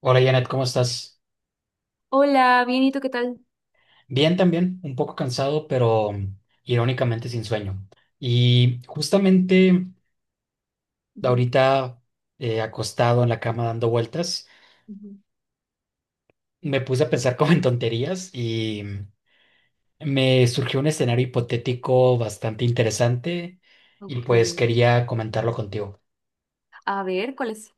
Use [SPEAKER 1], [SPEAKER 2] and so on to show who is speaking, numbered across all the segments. [SPEAKER 1] Hola Janet, ¿cómo estás?
[SPEAKER 2] Hola, bien, ¿y tú qué tal?
[SPEAKER 1] Bien también, un poco cansado, pero irónicamente sin sueño. Y justamente
[SPEAKER 2] Ujú,
[SPEAKER 1] ahorita acostado en la cama dando vueltas,
[SPEAKER 2] ujú.
[SPEAKER 1] me puse a pensar como en tonterías y me surgió un escenario hipotético bastante interesante y
[SPEAKER 2] Ok,
[SPEAKER 1] pues quería comentarlo contigo.
[SPEAKER 2] a ver, ¿cuál es?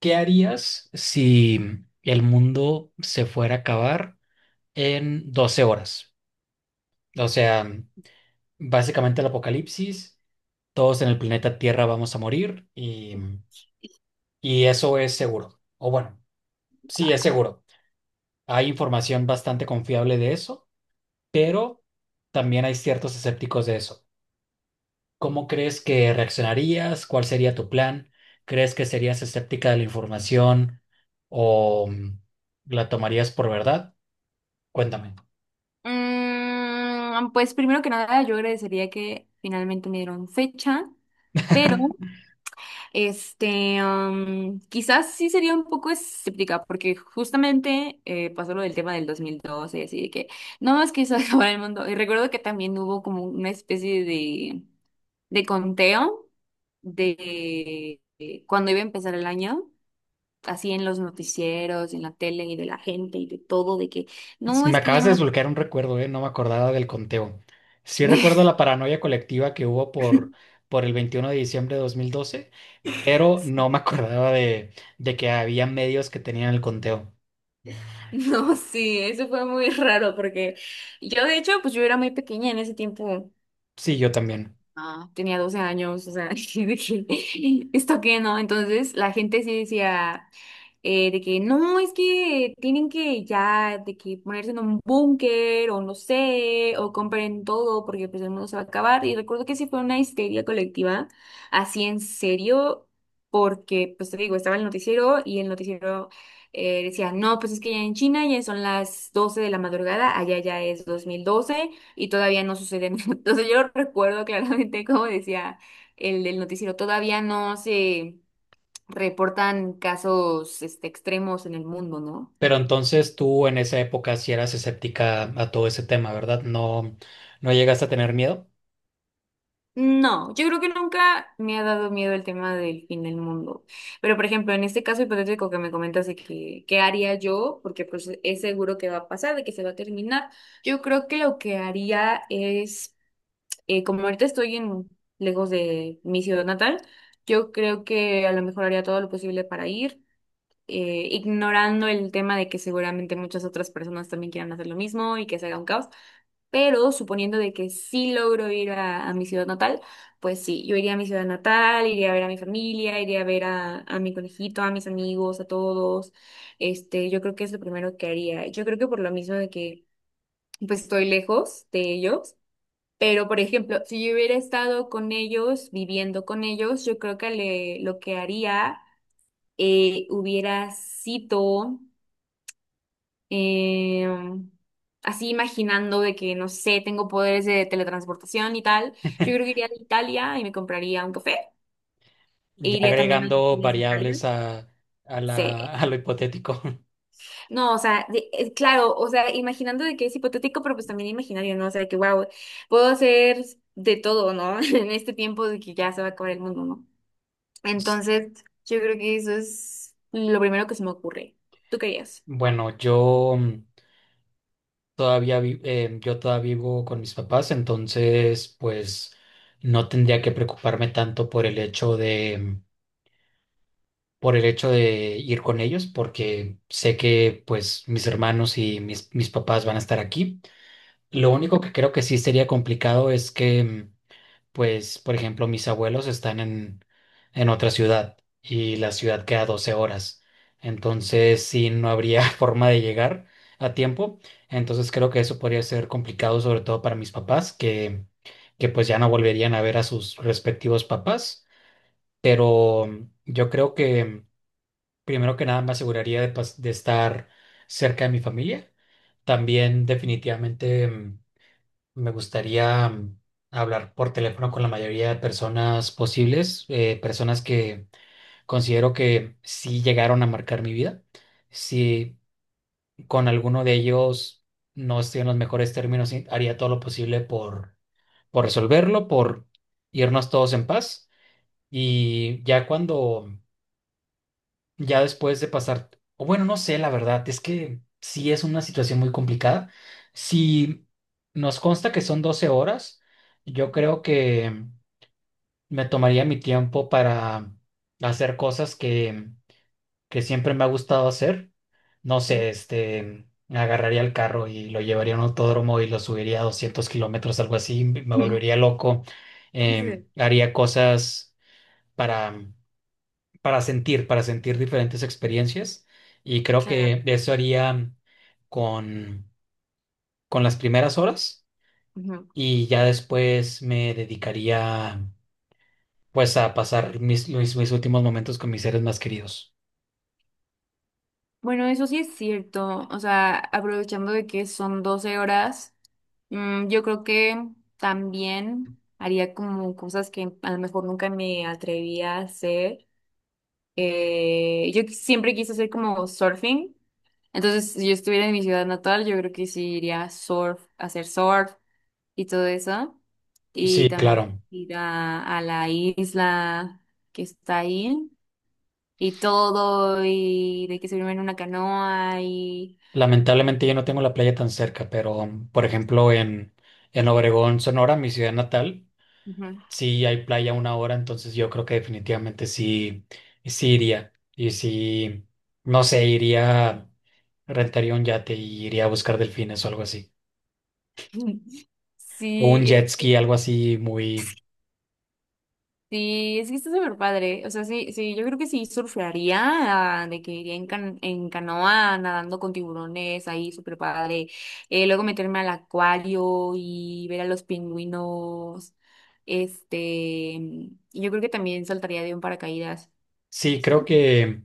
[SPEAKER 1] ¿Qué harías si el mundo se fuera a acabar en 12 horas? O sea, básicamente el apocalipsis. Todos en el planeta Tierra vamos a morir y eso es seguro. O bueno, sí es seguro. Hay información bastante confiable de eso, pero también hay ciertos escépticos de eso. ¿Cómo crees que reaccionarías? ¿Cuál sería tu plan? ¿Crees que serías escéptica de la información o la tomarías por verdad? Cuéntame.
[SPEAKER 2] Pues primero que nada, yo agradecería que finalmente me dieron fecha, pero quizás sí sería un poco escéptica, porque justamente pasó lo del tema del 2012 y así de que no más quiso acabar el mundo. Y recuerdo que también hubo como una especie de conteo de cuando iba a empezar el año. Así en los noticieros, en la tele y de la gente y de todo, de que no,
[SPEAKER 1] Me
[SPEAKER 2] es que ya
[SPEAKER 1] acabas de
[SPEAKER 2] no
[SPEAKER 1] desbloquear un recuerdo, ¿eh? No me acordaba del conteo. Sí recuerdo la paranoia colectiva que hubo por el 21 de diciembre de 2012, pero no me acordaba de que había medios que tenían el conteo.
[SPEAKER 2] No, sí, eso fue muy raro porque yo de hecho, pues yo era muy pequeña en ese tiempo.
[SPEAKER 1] Sí, yo también.
[SPEAKER 2] Ah, tenía 12 años, o sea, y dije, ¿esto qué no? Entonces la gente sí decía de que no, es que tienen que ya, de que ponerse en un búnker o no sé, o compren todo porque pues el mundo se va a acabar. Y recuerdo que sí fue una histeria colectiva, así en serio, porque pues te digo, estaba el noticiero y el noticiero decía, no, pues es que ya en China ya son las 12 de la madrugada, allá ya es 2012 y todavía no sucede nada. Entonces yo recuerdo claramente como decía el del noticiero, todavía no se reportan casos extremos en el mundo, ¿no?
[SPEAKER 1] Pero entonces tú en esa época sí eras escéptica a todo ese tema, ¿verdad? No, no llegaste a tener miedo.
[SPEAKER 2] No, yo creo que nunca me ha dado miedo el tema del fin del mundo. Pero, por ejemplo, en este caso hipotético que me comentas de que, ¿qué haría yo? Porque pues es seguro que va a pasar, de que se va a terminar. Yo creo que lo que haría es como ahorita estoy en, lejos de mi ciudad natal, yo creo que a lo mejor haría todo lo posible para ir, ignorando el tema de que seguramente muchas otras personas también quieran hacer lo mismo y que se haga un caos. Pero suponiendo de que sí logro ir a mi ciudad natal, pues sí, yo iría a mi ciudad natal, iría a ver a mi familia, iría a ver a mi conejito, a mis amigos, a todos. Este, yo creo que es lo primero que haría. Yo creo que por lo mismo de que pues estoy lejos de ellos, pero, por ejemplo, si yo hubiera estado con ellos, viviendo con ellos, yo creo que lo que haría, hubiera sido eh, así imaginando de que, no sé, tengo poderes de teletransportación y tal. Yo creo que iría a Italia y me compraría un café. E
[SPEAKER 1] Ya
[SPEAKER 2] iría también a
[SPEAKER 1] agregando
[SPEAKER 2] Italia.
[SPEAKER 1] variables
[SPEAKER 2] Sí.
[SPEAKER 1] a lo hipotético.
[SPEAKER 2] No, o sea, claro, o sea, imaginando de que es hipotético, pero pues también imaginario, ¿no? O sea, de que, wow, puedo hacer de todo, ¿no? En este tiempo de que ya se va a acabar el mundo, ¿no? Entonces, yo creo que eso es lo primero que se me ocurre. ¿Tú querías?
[SPEAKER 1] Bueno, yo todavía vivo con mis papás, entonces pues no tendría que preocuparme tanto por el hecho de ir con ellos, porque sé que pues mis hermanos y mis papás van a estar aquí. Lo único que creo que sí sería complicado es que pues, por ejemplo, mis abuelos están en otra ciudad y la ciudad queda 12 horas. Entonces, sí, no habría forma de llegar a tiempo. Entonces, creo que eso podría ser complicado, sobre todo para mis papás, que pues ya no volverían a ver a sus respectivos papás. Pero yo creo que primero que nada me aseguraría de, de estar cerca de mi familia. También definitivamente me gustaría hablar por teléfono con la mayoría de personas posibles, personas que considero que sí llegaron a marcar mi vida. Si con alguno de ellos no estoy en los mejores términos, sí, haría todo lo posible por resolverlo, por irnos todos en paz. Y ya cuando ya después de pasar, o bueno, no sé, la verdad, es que sí es una situación muy complicada. Si nos consta que son 12 horas, yo
[SPEAKER 2] Ujú.
[SPEAKER 1] creo que me tomaría mi tiempo para hacer cosas que siempre me ha gustado hacer. No sé, este, agarraría el carro y lo llevaría a un autódromo y lo subiría a 200 kilómetros, algo así, me
[SPEAKER 2] Ujú.
[SPEAKER 1] volvería loco. Em,
[SPEAKER 2] Sí,
[SPEAKER 1] haría cosas para para sentir diferentes experiencias. Y creo
[SPEAKER 2] claro.
[SPEAKER 1] que eso haría con, con las primeras horas
[SPEAKER 2] Ujú.
[SPEAKER 1] y ya después me dedicaría pues a pasar mis, últimos momentos con mis seres más queridos.
[SPEAKER 2] Bueno, eso sí es cierto. O sea, aprovechando de que son 12 horas, yo creo que también haría como cosas que a lo mejor nunca me atrevía a hacer. Yo siempre quise hacer como surfing. Entonces, si yo estuviera en mi ciudad natal, yo creo que sí iría a surf, a hacer surf. Y todo eso. Y
[SPEAKER 1] Sí,
[SPEAKER 2] también
[SPEAKER 1] claro.
[SPEAKER 2] ir a la isla que está ahí y todo, y de que se en una canoa y...
[SPEAKER 1] Lamentablemente yo no tengo la playa tan cerca, pero por ejemplo en Obregón, Sonora, mi ciudad natal,
[SPEAKER 2] Ujú.
[SPEAKER 1] sí, hay playa una hora, entonces yo creo que definitivamente sí, sí iría. Y sí, no sé, iría, rentaría un yate y iría a buscar delfines o algo así. O un
[SPEAKER 2] Sí,
[SPEAKER 1] jet ski, algo así muy...
[SPEAKER 2] es que está súper padre. O sea, sí, sí, yo creo que sí surfearía, ah, de que iría en, en canoa nadando con tiburones, ahí súper padre. Luego meterme al acuario y ver a los pingüinos. Este, y yo creo que también saltaría de un paracaídas.
[SPEAKER 1] Sí, creo que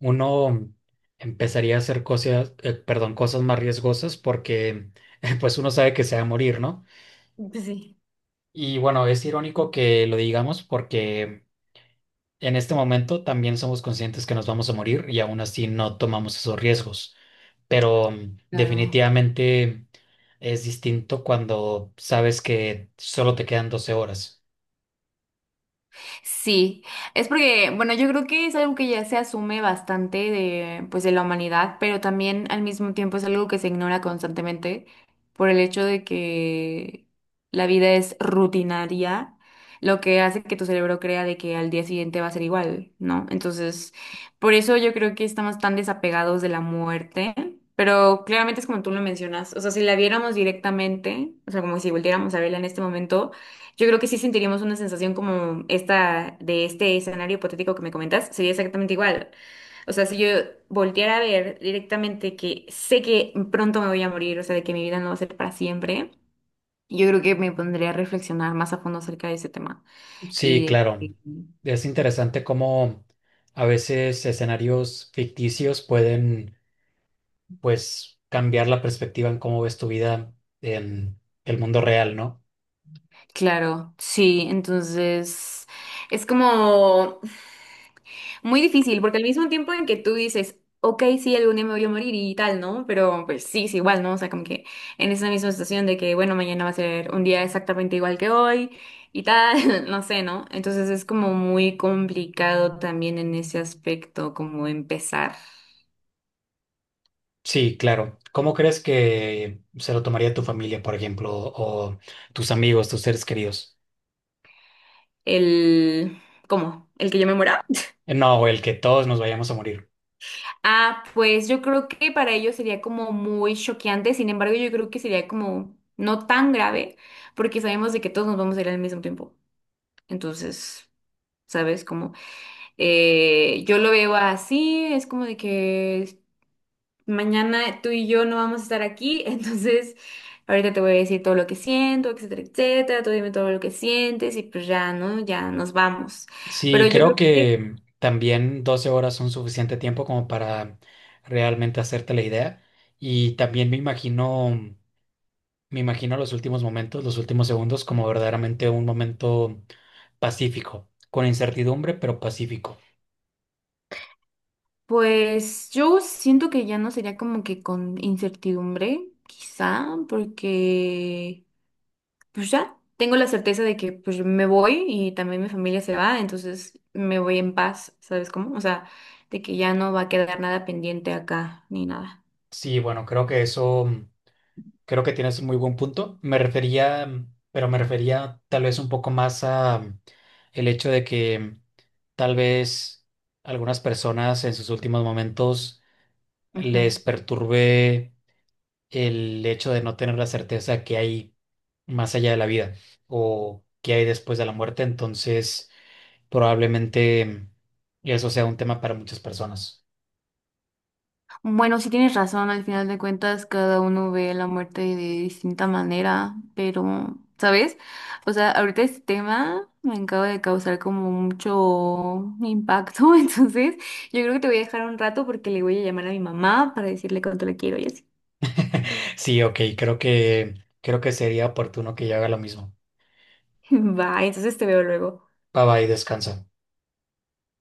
[SPEAKER 1] uno empezaría a hacer cosas, perdón, cosas más riesgosas porque pues uno sabe que se va a morir, ¿no?
[SPEAKER 2] Sí,
[SPEAKER 1] Y bueno, es irónico que lo digamos porque en este momento también somos conscientes que nos vamos a morir y aún así no tomamos esos riesgos. Pero
[SPEAKER 2] claro.
[SPEAKER 1] definitivamente es distinto cuando sabes que solo te quedan 12 horas.
[SPEAKER 2] Sí, es porque, bueno, yo creo que es algo que ya se asume bastante de, pues, de la humanidad, pero también al mismo tiempo es algo que se ignora constantemente por el hecho de que la vida es rutinaria, lo que hace que tu cerebro crea de que al día siguiente va a ser igual, ¿no? Entonces, por eso yo creo que estamos tan desapegados de la muerte. Pero claramente es como tú lo mencionas, o sea, si la viéramos directamente, o sea, como si volviéramos a verla en este momento, yo creo que sí sentiríamos una sensación como esta de este escenario hipotético que me comentas, sería exactamente igual. O sea, si yo volteara a ver directamente que sé que pronto me voy a morir, o sea, de que mi vida no va a ser para siempre, yo creo que me pondría a reflexionar más a fondo acerca de ese tema.
[SPEAKER 1] Sí,
[SPEAKER 2] Y de
[SPEAKER 1] claro.
[SPEAKER 2] que,
[SPEAKER 1] Es interesante cómo a veces escenarios ficticios pueden, pues, cambiar la perspectiva en cómo ves tu vida en el mundo real, ¿no?
[SPEAKER 2] claro, sí, entonces es como muy difícil, porque al mismo tiempo en que tú dices, ok, sí, algún día me voy a morir y tal, ¿no? Pero pues sí, es igual, ¿no? O sea, como que en esa misma situación de que, bueno, mañana va a ser un día exactamente igual que hoy y tal, no sé, ¿no? Entonces es como muy complicado también en ese aspecto, como empezar
[SPEAKER 1] Sí, claro. ¿Cómo crees que se lo tomaría tu familia, por ejemplo, o tus amigos, tus seres queridos?
[SPEAKER 2] el, ¿cómo? ¿El que yo me muera?
[SPEAKER 1] No, el que todos nos vayamos a morir.
[SPEAKER 2] Ah, pues yo creo que para ellos sería como muy choqueante, sin embargo, yo creo que sería como no tan grave, porque sabemos de que todos nos vamos a ir al mismo tiempo. Entonces, ¿sabes? Como yo lo veo así, es como de que mañana tú y yo no vamos a estar aquí, entonces ahorita te voy a decir todo lo que siento, etcétera, etcétera, tú dime todo lo que sientes y pues ya, ¿no? Ya nos vamos.
[SPEAKER 1] Sí,
[SPEAKER 2] Pero yo creo
[SPEAKER 1] creo
[SPEAKER 2] que,
[SPEAKER 1] que también 12 horas son suficiente tiempo como para realmente hacerte la idea. Y también me imagino los últimos momentos, los últimos segundos, como verdaderamente un momento pacífico, con incertidumbre, pero pacífico.
[SPEAKER 2] pues yo siento que ya no sería como que con incertidumbre, quizá, porque... pues ya tengo la certeza de que pues me voy y también mi familia se va, entonces me voy en paz, ¿sabes cómo? O sea, de que ya no va a quedar nada pendiente acá ni nada.
[SPEAKER 1] Sí, bueno, creo que eso, creo que tienes un muy buen punto. Me refería, pero me refería tal vez un poco más a el hecho de que tal vez algunas personas en sus últimos momentos les
[SPEAKER 2] Ujú.
[SPEAKER 1] perturbe el hecho de no tener la certeza que hay más allá de la vida o que hay después de la muerte. Entonces, probablemente eso sea un tema para muchas personas.
[SPEAKER 2] Bueno, sí tienes razón, al final de cuentas cada uno ve la muerte de distinta manera, pero, ¿sabes? O sea, ahorita este tema me acaba de causar como mucho impacto, entonces yo creo que te voy a dejar un rato porque le voy a llamar a mi mamá para decirle cuánto la quiero y así.
[SPEAKER 1] Sí, ok, creo que sería oportuno que yo haga lo mismo.
[SPEAKER 2] Va, entonces te veo luego.
[SPEAKER 1] Bye bye, descansa.